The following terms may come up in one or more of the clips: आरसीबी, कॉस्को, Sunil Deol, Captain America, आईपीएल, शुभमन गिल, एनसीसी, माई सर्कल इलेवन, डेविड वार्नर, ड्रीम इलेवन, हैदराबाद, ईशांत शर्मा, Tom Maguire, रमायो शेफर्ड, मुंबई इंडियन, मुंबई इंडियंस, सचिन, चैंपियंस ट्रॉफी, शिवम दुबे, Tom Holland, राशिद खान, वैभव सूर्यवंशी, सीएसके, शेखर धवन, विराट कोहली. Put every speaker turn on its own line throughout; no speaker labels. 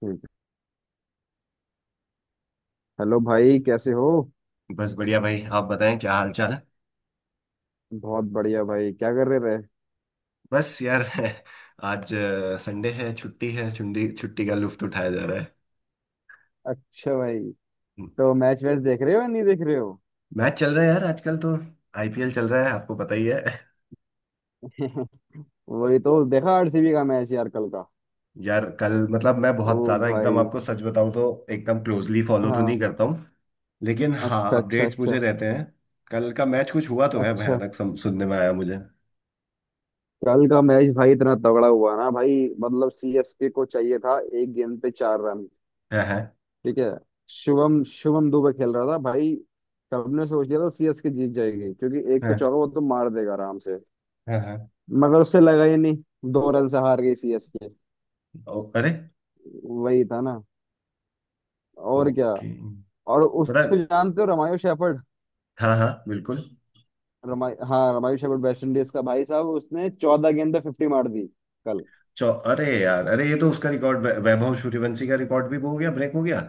ठीक है। हेलो भाई, कैसे हो।
बस बढ़िया भाई आप बताएं क्या हाल चाल है।
बहुत बढ़िया भाई। क्या कर रहे रहे।
बस यार आज संडे है छुट्टी छुट्टी का लुफ्त उठाया जा रहा है।
अच्छा भाई।
हम्म।
तो मैच वैच देख रहे हो या नहीं देख रहे हो।
मैच चल रहा है यार आजकल तो। आईपीएल चल रहा है आपको पता ही है
वही तो। देखा आरसीबी का मैच यार, कल का।
यार कल मतलब मैं
ओ
बहुत ज्यादा एकदम
भाई।
आपको सच बताऊं तो एकदम क्लोजली फॉलो तो नहीं
हाँ।
करता हूँ। लेकिन हाँ
अच्छा अच्छा
अपडेट्स
अच्छा
मुझे रहते हैं। कल का मैच कुछ हुआ तो है
अच्छा।
भयानक सुनने में आया मुझे।
कल का मैच भाई इतना तगड़ा हुआ ना भाई, मतलब सीएसके को चाहिए था 1 गेंद पे 4 रन।
है, है,
ठीक है। शुभम शुभम दुबे खेल रहा था भाई। सबने सोच लिया था सीएसके जीत जाएगी क्योंकि एक पे
है,
चौका वो तो मार देगा आराम से।
है, है।
मगर उससे लगा ही नहीं। 2 रन से हार गई सीएसके।
ओ, अरे।
वही था ना। और क्या।
ओके।
और उसको
बता।
जानते हो, रमायो शेफर्ड।
हाँ हाँ बिल्कुल।
रमाई हाँ, रमायो शेफर्ड वेस्ट इंडीज का, भाई साहब उसने 14 गेंद पे 50 मार दी। कल।
चौ अरे यार अरे ये तो उसका रिकॉर्ड वैभव सूर्यवंशी का रिकॉर्ड भी वो हो गया ब्रेक हो गया।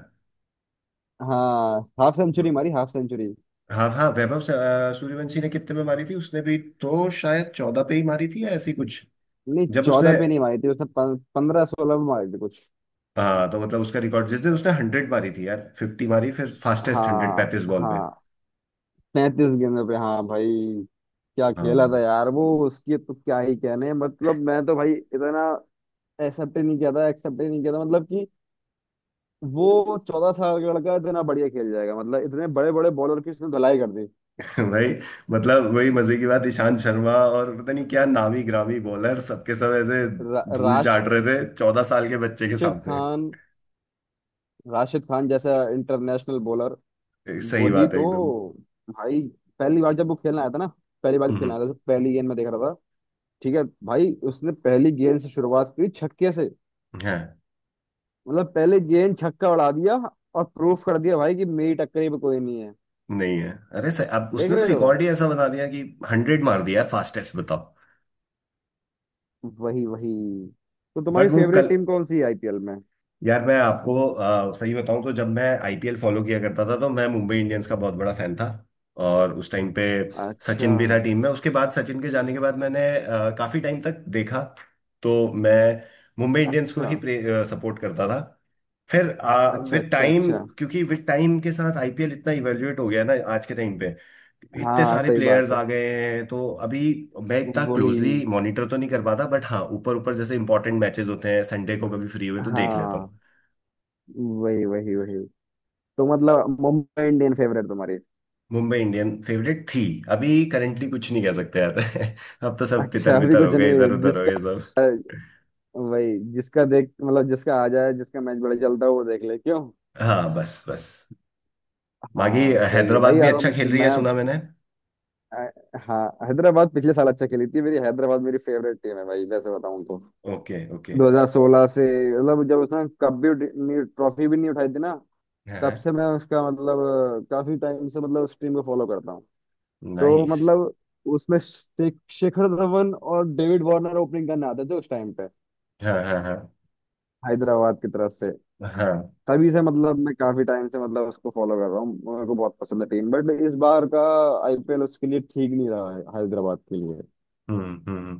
हाँ हाफ सेंचुरी मारी, हाफ सेंचुरी।
हाँ हाँ वैभव सूर्यवंशी ने कितने में मारी थी उसने भी तो शायद 14 पे ही मारी थी या ऐसी कुछ।
नहीं
जब उसने।
चौदह पे नहीं मारी थी, उसने 15, 16 पे मारी थी कुछ।
हाँ तो मतलब उसका रिकॉर्ड जिस दिन उसने 100 मारी थी यार 50 मारी फिर फास्टेस्ट हंड्रेड
हाँ
पैंतीस बॉल पे।
हाँ 35 गेंदों पे हाँ भाई। क्या
हाँ
खेला था यार वो, उसकी तो क्या ही कहने, मतलब मैं तो भाई इतना एक्सेप्ट ही नहीं किया था, एक्सेप्ट ही नहीं किया था, मतलब। वो 14 साल का लड़का इतना बढ़िया खेल जाएगा, मतलब इतने बड़े बड़े बॉलर की उसने धुलाई कर दी।
भाई। मतलब वही मजे की बात ईशांत शर्मा और पता नहीं क्या नामी ग्रामी बॉलर सबके सब ऐसे धूल
राशिद
चाट रहे थे 14 साल के बच्चे के सामने।
खान, राशिद खान जैसा इंटरनेशनल बॉलर।
सही
वही
बात है
तो
एकदम।
भाई। पहली बार जब वो खेलने आया था ना, पहली बार जब खेलने
हम्म।
आया था तो पहली गेंद में देख रहा था। ठीक है भाई, उसने पहली गेंद से शुरुआत की छक्के से।
हाँ
मतलब पहले गेंद छक्का उड़ा दिया। और प्रूफ कर दिया भाई कि मेरी टक्करी में कोई नहीं है।
नहीं है। अरे सर अब
देख
उसने तो
रहे हो।
रिकॉर्ड ही ऐसा बना दिया कि हंड्रेड मार दिया है फास्टेस्ट बताओ।
वही वही। तो तुम्हारी
बट वो
फेवरेट
कल।
टीम कौन सी है आईपीएल में।
यार मैं आपको सही बताऊं तो जब मैं आईपीएल फॉलो किया करता था तो मैं मुंबई इंडियंस का बहुत बड़ा फैन था। और उस टाइम पे
अच्छा
सचिन भी था टीम में उसके बाद सचिन के जाने के बाद मैंने काफी टाइम तक देखा। तो मैं मुंबई इंडियंस को
अच्छा
ही सपोर्ट करता था। फिर
अच्छा
विद
अच्छा
टाइम
अच्छा।
क्योंकि विद टाइम के साथ आईपीएल इतना इवेल्युएट हो गया ना आज के टाइम पे इतने
हाँ
सारे
सही
प्लेयर्स
बात है।
आ गए हैं। तो अभी मैं इतना
वही।
क्लोजली मॉनिटर तो नहीं कर पाता बट हाँ ऊपर ऊपर जैसे इंपॉर्टेंट मैचेस होते हैं संडे को कभी फ्री हुए तो देख लेता
हाँ
हूँ।
वही वही वही। तो मतलब मुंबई इंडियन फेवरेट तुम्हारी।
मुंबई इंडियन फेवरेट थी। अभी करंटली कुछ नहीं कह सकते यार अब तो सब
अच्छा
तितर
अभी
बितर हो
कुछ
गए इधर
नहीं
उधर हो
जिसका।
गए सब।
वही जिसका देख, मतलब जिसका आ जाए, जिसका मैच बड़ा चलता हो वो देख ले क्यों।
हाँ बस बस। बाकी
हाँ सही है
हैदराबाद
भाई,
भी अच्छा
अब
खेल रही है
मैं।
सुना मैंने।
अ, हाँ हैदराबाद पिछले साल अच्छा खेली थी। मेरी हैदराबाद मेरी फेवरेट टीम है भाई, वैसे बताऊं तो
ओके ओके।
2016 से, मतलब जब उसने कप भी ट्रॉफी भी नहीं उठाई थी ना। तब
हाँ।
से मैं उसका मतलब काफी टाइम से मतलब उस टीम को फॉलो करता। तो
नाइस।
मतलब उसमें शेखर धवन और डेविड वार्नर ओपनिंग करने आते थे उस टाइम पे,
हाँ हाँ हाँ
हैदराबाद की तरफ से।
हाँ।
तभी से मतलब मैं काफी टाइम से मतलब उसको फॉलो कर रहा हूँ, मेरे को बहुत पसंद है टीम, बट इस बार का आईपीएल उसके लिए ठीक नहीं रहा है, हैदराबाद के लिए।
हम्म हम्म हम्म।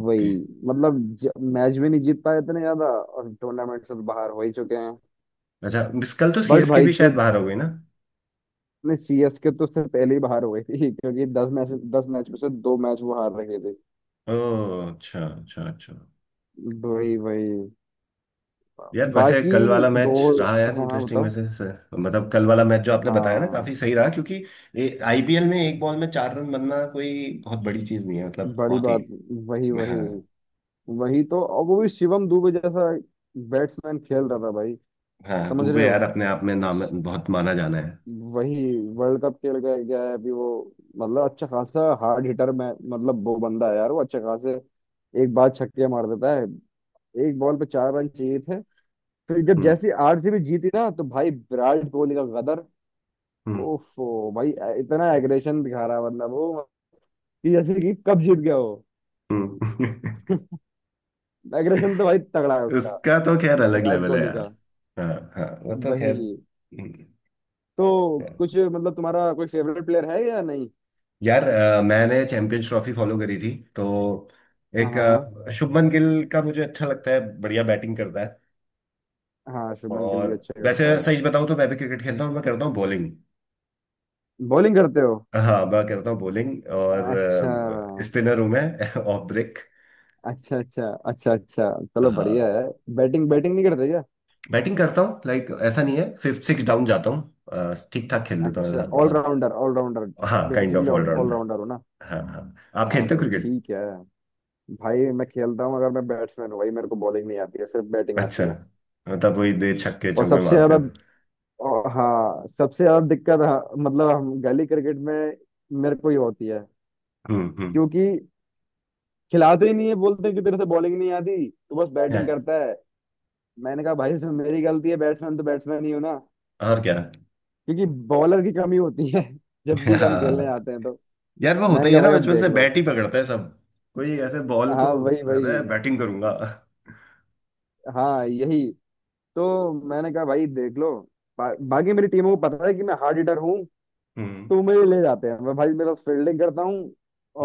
ओके।
वही। मतलब मैच भी नहीं जीत पाए इतने ज्यादा और टूर्नामेंट से तो बाहर हो ही चुके हैं।
अच्छा मिस कल तो
बट
सीएसके
भाई
भी
जो
शायद बाहर हो गई ना।
ने सीएसके तो उससे पहले ही बाहर हो गई थी क्योंकि 10 मैच में से 2 मैच वो हार रहे थे।
ओ। अच्छा अच्छा अच्छा।
वही वही।
यार वैसे
बाकी।
कल वाला
दो।
मैच रहा यार
हाँ हाँ
इंटरेस्टिंग
बताओ।
वैसे सर मतलब कल वाला मैच जो आपने बताया ना काफी
हाँ।
सही रहा क्योंकि आईपीएल में 1 बॉल में 4 रन बनना कोई बहुत बड़ी चीज नहीं है मतलब
बड़ी
बहुत ही।
बात। वही वही
हाँ।
वही तो। और वो भी शिवम दुबे जैसा बैट्समैन खेल रहा था भाई।
हाँ
समझ रहे
दुबे
हो।
यार अपने आप में नाम बहुत माना जाना है।
वही। वर्ल्ड कप खेल के गया है अभी वो। मतलब अच्छा खासा हार्ड हिटर में, मतलब वो बंदा है यार, वो अच्छे खासे एक बार छक्के मार देता है। 1 बॉल पे 4 रन चाहिए थे। फिर जब
हम्म
जैसे आरसीबी जीती ना तो भाई विराट कोहली का गदर।
हम्म
ओफो भाई। इतना एग्रेशन दिखा रहा है, मतलब वो, कि जैसे कि कब जीत गया वो।
हम्म।
एग्रेशन तो भाई तगड़ा है उसका,
उसका तो खैर अलग
विराट
लेवल है
कोहली
यार।
का।
हाँ हाँ वो तो खैर
वही।
हम्म।
तो कुछ मतलब तुम्हारा कोई फेवरेट प्लेयर है या नहीं।
यार मैंने चैंपियंस ट्रॉफी फॉलो करी थी तो एक
हाँ
शुभमन गिल का मुझे अच्छा लगता है बढ़िया बैटिंग करता है।
हाँ, शुभमन गिल
और
भी अच्छा
वैसे
करता है।
सच बताऊं तो मैं भी क्रिकेट खेलता हूँ मैं करता हूँ बॉलिंग।
बॉलिंग करते हो।
हाँ मैं करता हूँ बॉलिंग।
अच्छा
और स्पिनर हूँ मैं। Of break.
अच्छा अच्छा अच्छा अच्छा। चलो बढ़िया
हाँ।
है। बैटिंग बैटिंग नहीं करते क्या।
बैटिंग करता हूँ लाइक ऐसा नहीं है फिफ्थ सिक्स डाउन जाता हूँ ठीक ठाक खेल लेता हूँ
अच्छा,
ऐसा बहुत।
Allrounder allrounder.
हाँ kind
basically
of allrounder.
Allrounder हो ना।
हाँ हाँ। आप
हाँ
खेलते हो
तो
क्रिकेट।
ठीक है भाई, मैं खेलता हूँ। अगर मैं बैट्समैन हूँ भाई, मेरे को बॉलिंग नहीं आती है, सिर्फ बैटिंग
अच्छा।
आती है।
मतलब वही दे छक्के
और
चौके
सबसे
मारते
ज्यादा,
हो।
और हाँ सबसे ज्यादा दिक्कत, हाँ, मतलब हम गली क्रिकेट में मेरे को ये होती है।
हम्म।
क्योंकि खिलाते ही नहीं है, बोलते हैं कि तेरे से बॉलिंग नहीं आती तो बस
है।
बैटिंग करता है। मैंने कहा भाई इसमें मेरी गलती है, बैट्समैन तो बैट्समैन ही हो ना।
और क्या।
क्योंकि बॉलर की कमी होती है जब भी हम खेलने
हाँ।
आते हैं तो।
यार वो होता
मैंने
ही है
कहा
ना
भाई अब
बचपन
देख
से
लो।
बैट ही पकड़ते हैं सब। कोई ऐसे बॉल
हाँ
को।
वही वही।
अरे बैटिंग करूंगा।
हाँ यही। तो मैंने कहा भाई देख लो। बाकी मेरी टीमों को पता है कि मैं हार्ड हिटर हूँ,
हम्म
तो मुझे ले जाते हैं। मैं भाई, मैं बस फील्डिंग करता हूँ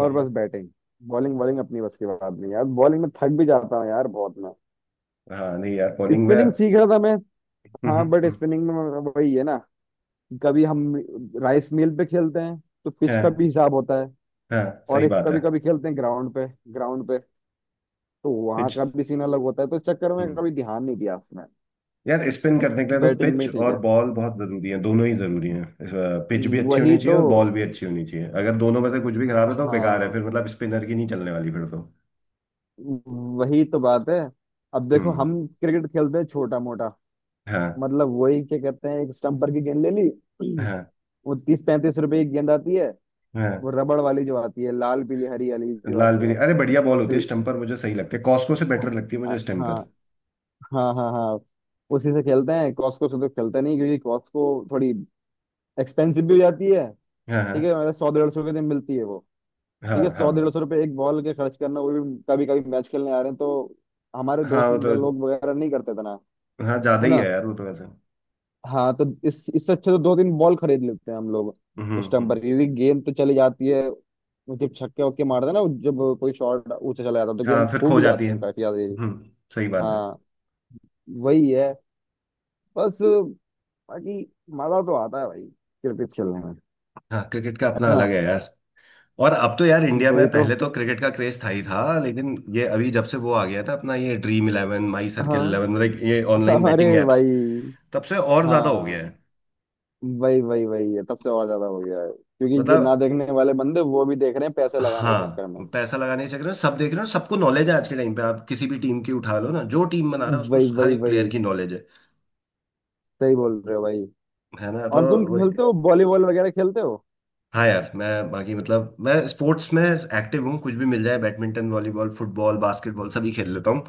और बस बैटिंग। बॉलिंग, बॉलिंग अपनी बस की बात नहीं यार, बॉलिंग में थक भी जाता हूँ यार बहुत मैं।
हाँ नहीं यार बॉलिंग में
स्पिनिंग सीख रहा था मैं, हाँ बट
हम्म।
स्पिनिंग में वही है ना। कभी हम राइस मिल पे खेलते हैं तो पिच का
हाँ।
भी हिसाब होता है।
हाँ
और
सही
एक
बात है।
कभी कभी खेलते हैं ग्राउंड पे, ग्राउंड पे तो वहां
पिच।
का भी सीन अलग होता है, तो इस चक्कर में
हम्म।
कभी ध्यान नहीं दिया उसमें।
यार स्पिन करने के लिए तो
बैटिंग
पिच
में ठीक
और
है।
बॉल बहुत जरूरी है दोनों ही जरूरी हैं। पिच भी अच्छी
वही
होनी चाहिए
तो।
और बॉल भी अच्छी होनी चाहिए अगर दोनों में से कुछ भी खराब है तो बेकार है
हाँ
फिर मतलब स्पिनर की नहीं चलने वाली फिर तो।
वही तो बात है। अब देखो
हम्म।
हम क्रिकेट खेलते हैं छोटा मोटा,
हाँ
मतलब वही क्या कहते हैं, एक स्टम्पर की गेंद ले ली
हाँ
वो 30-35 रुपए की गेंद आती है, वो
हाँ।
रबड़ वाली जो आती है, लाल पीली हरी वाली जो
लाल
आती
भी
है।
अरे बढ़िया बॉल होती है
ल-
स्टम्पर मुझे सही लगती है कॉस्को से बेटर लगती है मुझे
हाँ
स्टम्पर।
हाँ हाँ हाँ। उसी से खेलते हैं, कॉस्को से तो खेलते नहीं क्योंकि कॉस्को थोड़ी एक्सपेंसिव भी हो जाती है।
हाँ
ठीक है,
हाँ।
मतलब 100-150 के दिन मिलती है वो।
हाँ
ठीक है,
हाँ।
100-150 रुपये 1 बॉल के खर्च करना, वो भी कभी कभी, मैच खेलने आ रहे हैं तो। हमारे
हाँ
दोस्त
वो तो।
लोग वगैरह नहीं करते इतना।
हाँ ज्यादा
है
ही
ना।
है यार वो तो वैसे।
हाँ तो इस इससे अच्छा तो 2-3 बॉल खरीद लेते हैं हम लोग,
हम्म हम्म।
स्टम्पर की। क्योंकि गेंद तो चली जाती है जब छक्के वक्के मारते हैं ना, जब कोई शॉट ऊंचा चला जाता है तो
हाँ
गेंद
फिर
खो
खो
भी
जाती
जाती
है।
है काफी ज्यादा ये।
हम्म। सही बात है।
हाँ वही है। बस। बाकी मजा तो आता है भाई, क्रिकेट खेलने में।
हाँ क्रिकेट का अपना
है ना।
अलग है यार। और अब तो यार इंडिया में
वही तो।
पहले तो क्रिकेट का क्रेज था ही था लेकिन ये अभी जब से वो आ गया था अपना ये ड्रीम इलेवन माई सर्कल
हाँ।
इलेवन मतलब ये ऑनलाइन
अरे
बेटिंग एप्स
भाई।
तब से और ज्यादा हो गया
हाँ
है।
वही वही वही है, तब से और ज्यादा हो गया है क्योंकि जो ना
मतलब।
देखने वाले बंदे वो भी देख रहे हैं पैसे लगाने के चक्कर में।
हाँ पैसा लगाने के चक्कर में सब देख रहे हो सबको नॉलेज है आज के टाइम पे आप किसी भी टीम की उठा लो ना जो टीम बना रहा है उसको
वही
हर
वही
एक प्लेयर
वही।
की नॉलेज है।
सही बोल रहे हो भाई।
है ना तो।
और तुम खेलते हो वॉलीबॉल, वगैरह खेलते हो।
हाँ यार मैं बाकी मतलब मैं स्पोर्ट्स में एक्टिव हूँ कुछ भी मिल जाए बैडमिंटन वॉलीबॉल फुटबॉल बास्केटबॉल सभी खेल लेता हूँ।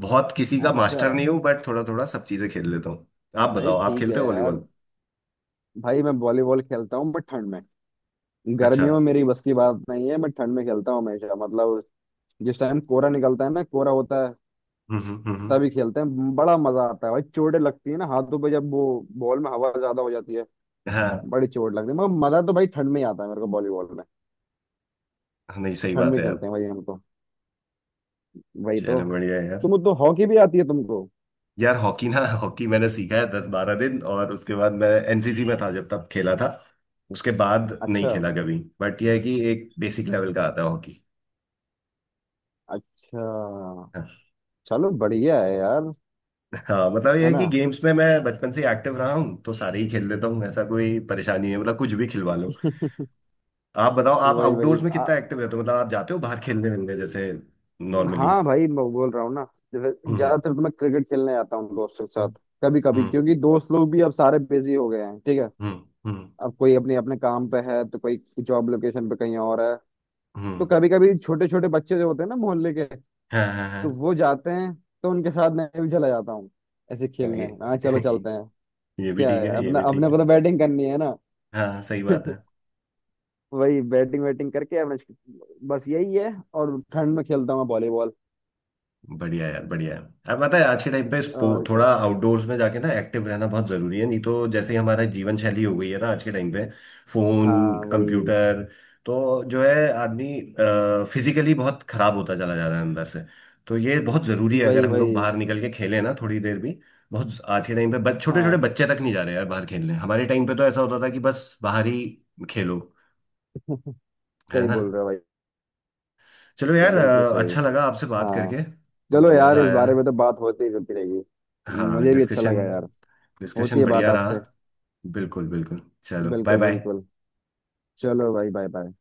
बहुत किसी का
अच्छा।
मास्टर नहीं हूँ बट थोड़ा थोड़ा सब चीज़ें खेल लेता हूँ। आप
नहीं
बताओ आप
ठीक
खेलते
है
हो
यार,
वॉलीबॉल।
भाई मैं वॉलीबॉल खेलता हूँ बट ठंड में,
अच्छा।
गर्मियों में मेरी बस की बात नहीं है। मैं ठंड में खेलता हूँ हमेशा, मतलब जिस टाइम कोहरा निकलता है ना, कोहरा होता है
हम्म।
तभी खेलते हैं। बड़ा मजा आता है भाई। चोटें लगती है ना हाथों पे, जब वो बॉल में हवा ज्यादा हो जाती है,
हाँ।
बड़ी चोट लगती है, मगर मजा तो भाई ठंड में ही आता है मेरे को, वॉलीबॉल में।
नहीं सही
ठंड
बात
में
है
खेलते
यार।
हैं भाई हम तो। वही तो।
चलो बढ़िया है यार।
तुम तो हॉकी भी आती है तुमको।
यार हॉकी ना हॉकी मैंने सीखा है 10 12 दिन और उसके बाद मैं एनसीसी में था जब तब खेला था। उसके बाद नहीं
अच्छा
खेला कभी बट यह है कि एक बेसिक लेवल का आता है हॉकी।
अच्छा।
हाँ।
चलो बढ़िया है यार।
हाँ मतलब ये
है
है
ना।
कि गेम्स में मैं बचपन से एक्टिव रहा हूँ तो सारे ही खेल लेता हूँ ऐसा कोई परेशानी नहीं है मतलब कुछ भी खिलवा लो। आप बताओ आप
वही
आउटडोर्स
वही।
में कितना एक्टिव रहते हो मतलब आप जाते हो बाहर खेलने मिलने जैसे नॉर्मली।
हाँ भाई मैं बोल रहा हूँ ना, जैसे
हम्म
ज्यादातर तो मैं क्रिकेट खेलने जाता हूँ दोस्तों के साथ।
हम्म
कभी कभी
हम्म
क्योंकि दोस्त लोग भी अब सारे बिजी हो गए हैं। ठीक है।
हम्म हम्म
अब कोई अपने अपने काम पे है, तो कोई जॉब लोकेशन पे कहीं और है। तो
हम्म।
कभी कभी छोटे छोटे बच्चे जो होते हैं ना मोहल्ले के,
हाँ हाँ
तो
हाँ
वो जाते हैं, तो उनके साथ मैं भी चला जाता हूँ, ऐसे
हाँ।
खेलने।
ये।
हाँ चलो चलते हैं।
ये भी
क्या
ठीक
है,
है ये
अपना,
भी ठीक
अपने
है।
को तो बैटिंग करनी है ना।
हाँ सही बात है।
वही बैटिंग वैटिंग करके अपने, बस यही है। और ठंड में खेलता हूँ मैं वॉलीबॉल।
बढ़िया यार बढ़िया है। अब पता है आज के टाइम पे
और क्या।
थोड़ा आउटडोर्स में जाके ना एक्टिव रहना बहुत जरूरी है नहीं तो जैसे ही हमारा जीवन शैली हो गई है ना आज के टाइम पे फोन
हाँ वही
कंप्यूटर तो जो है आदमी फिजिकली बहुत खराब होता चला जा रहा है अंदर से। तो ये बहुत जरूरी है अगर
वही
हम लोग
वही।
बाहर निकल के खेलें ना थोड़ी देर भी। बहुत आज के टाइम पे छोटे छोटे
हाँ
बच्चे तक नहीं जा रहे यार बाहर खेलने हमारे टाइम पे तो ऐसा होता था कि बस बाहर ही खेलो। है
सही
ना।
बोल रहे हो भाई।
चलो यार
बिल्कुल सही।
अच्छा लगा आपसे बात
हाँ।
करके।
चलो यार,
मजा
इस बारे में तो
आया।
बात होती ही रहती रहेगी।
हाँ
मुझे भी अच्छा
डिस्कशन।
लगा यार। होती
डिस्कशन
है बात
बढ़िया रहा।
आपसे।
बिल्कुल बिल्कुल चलो बाय
बिल्कुल
बाय।
बिल्कुल। चलो भाई, बाय बाय।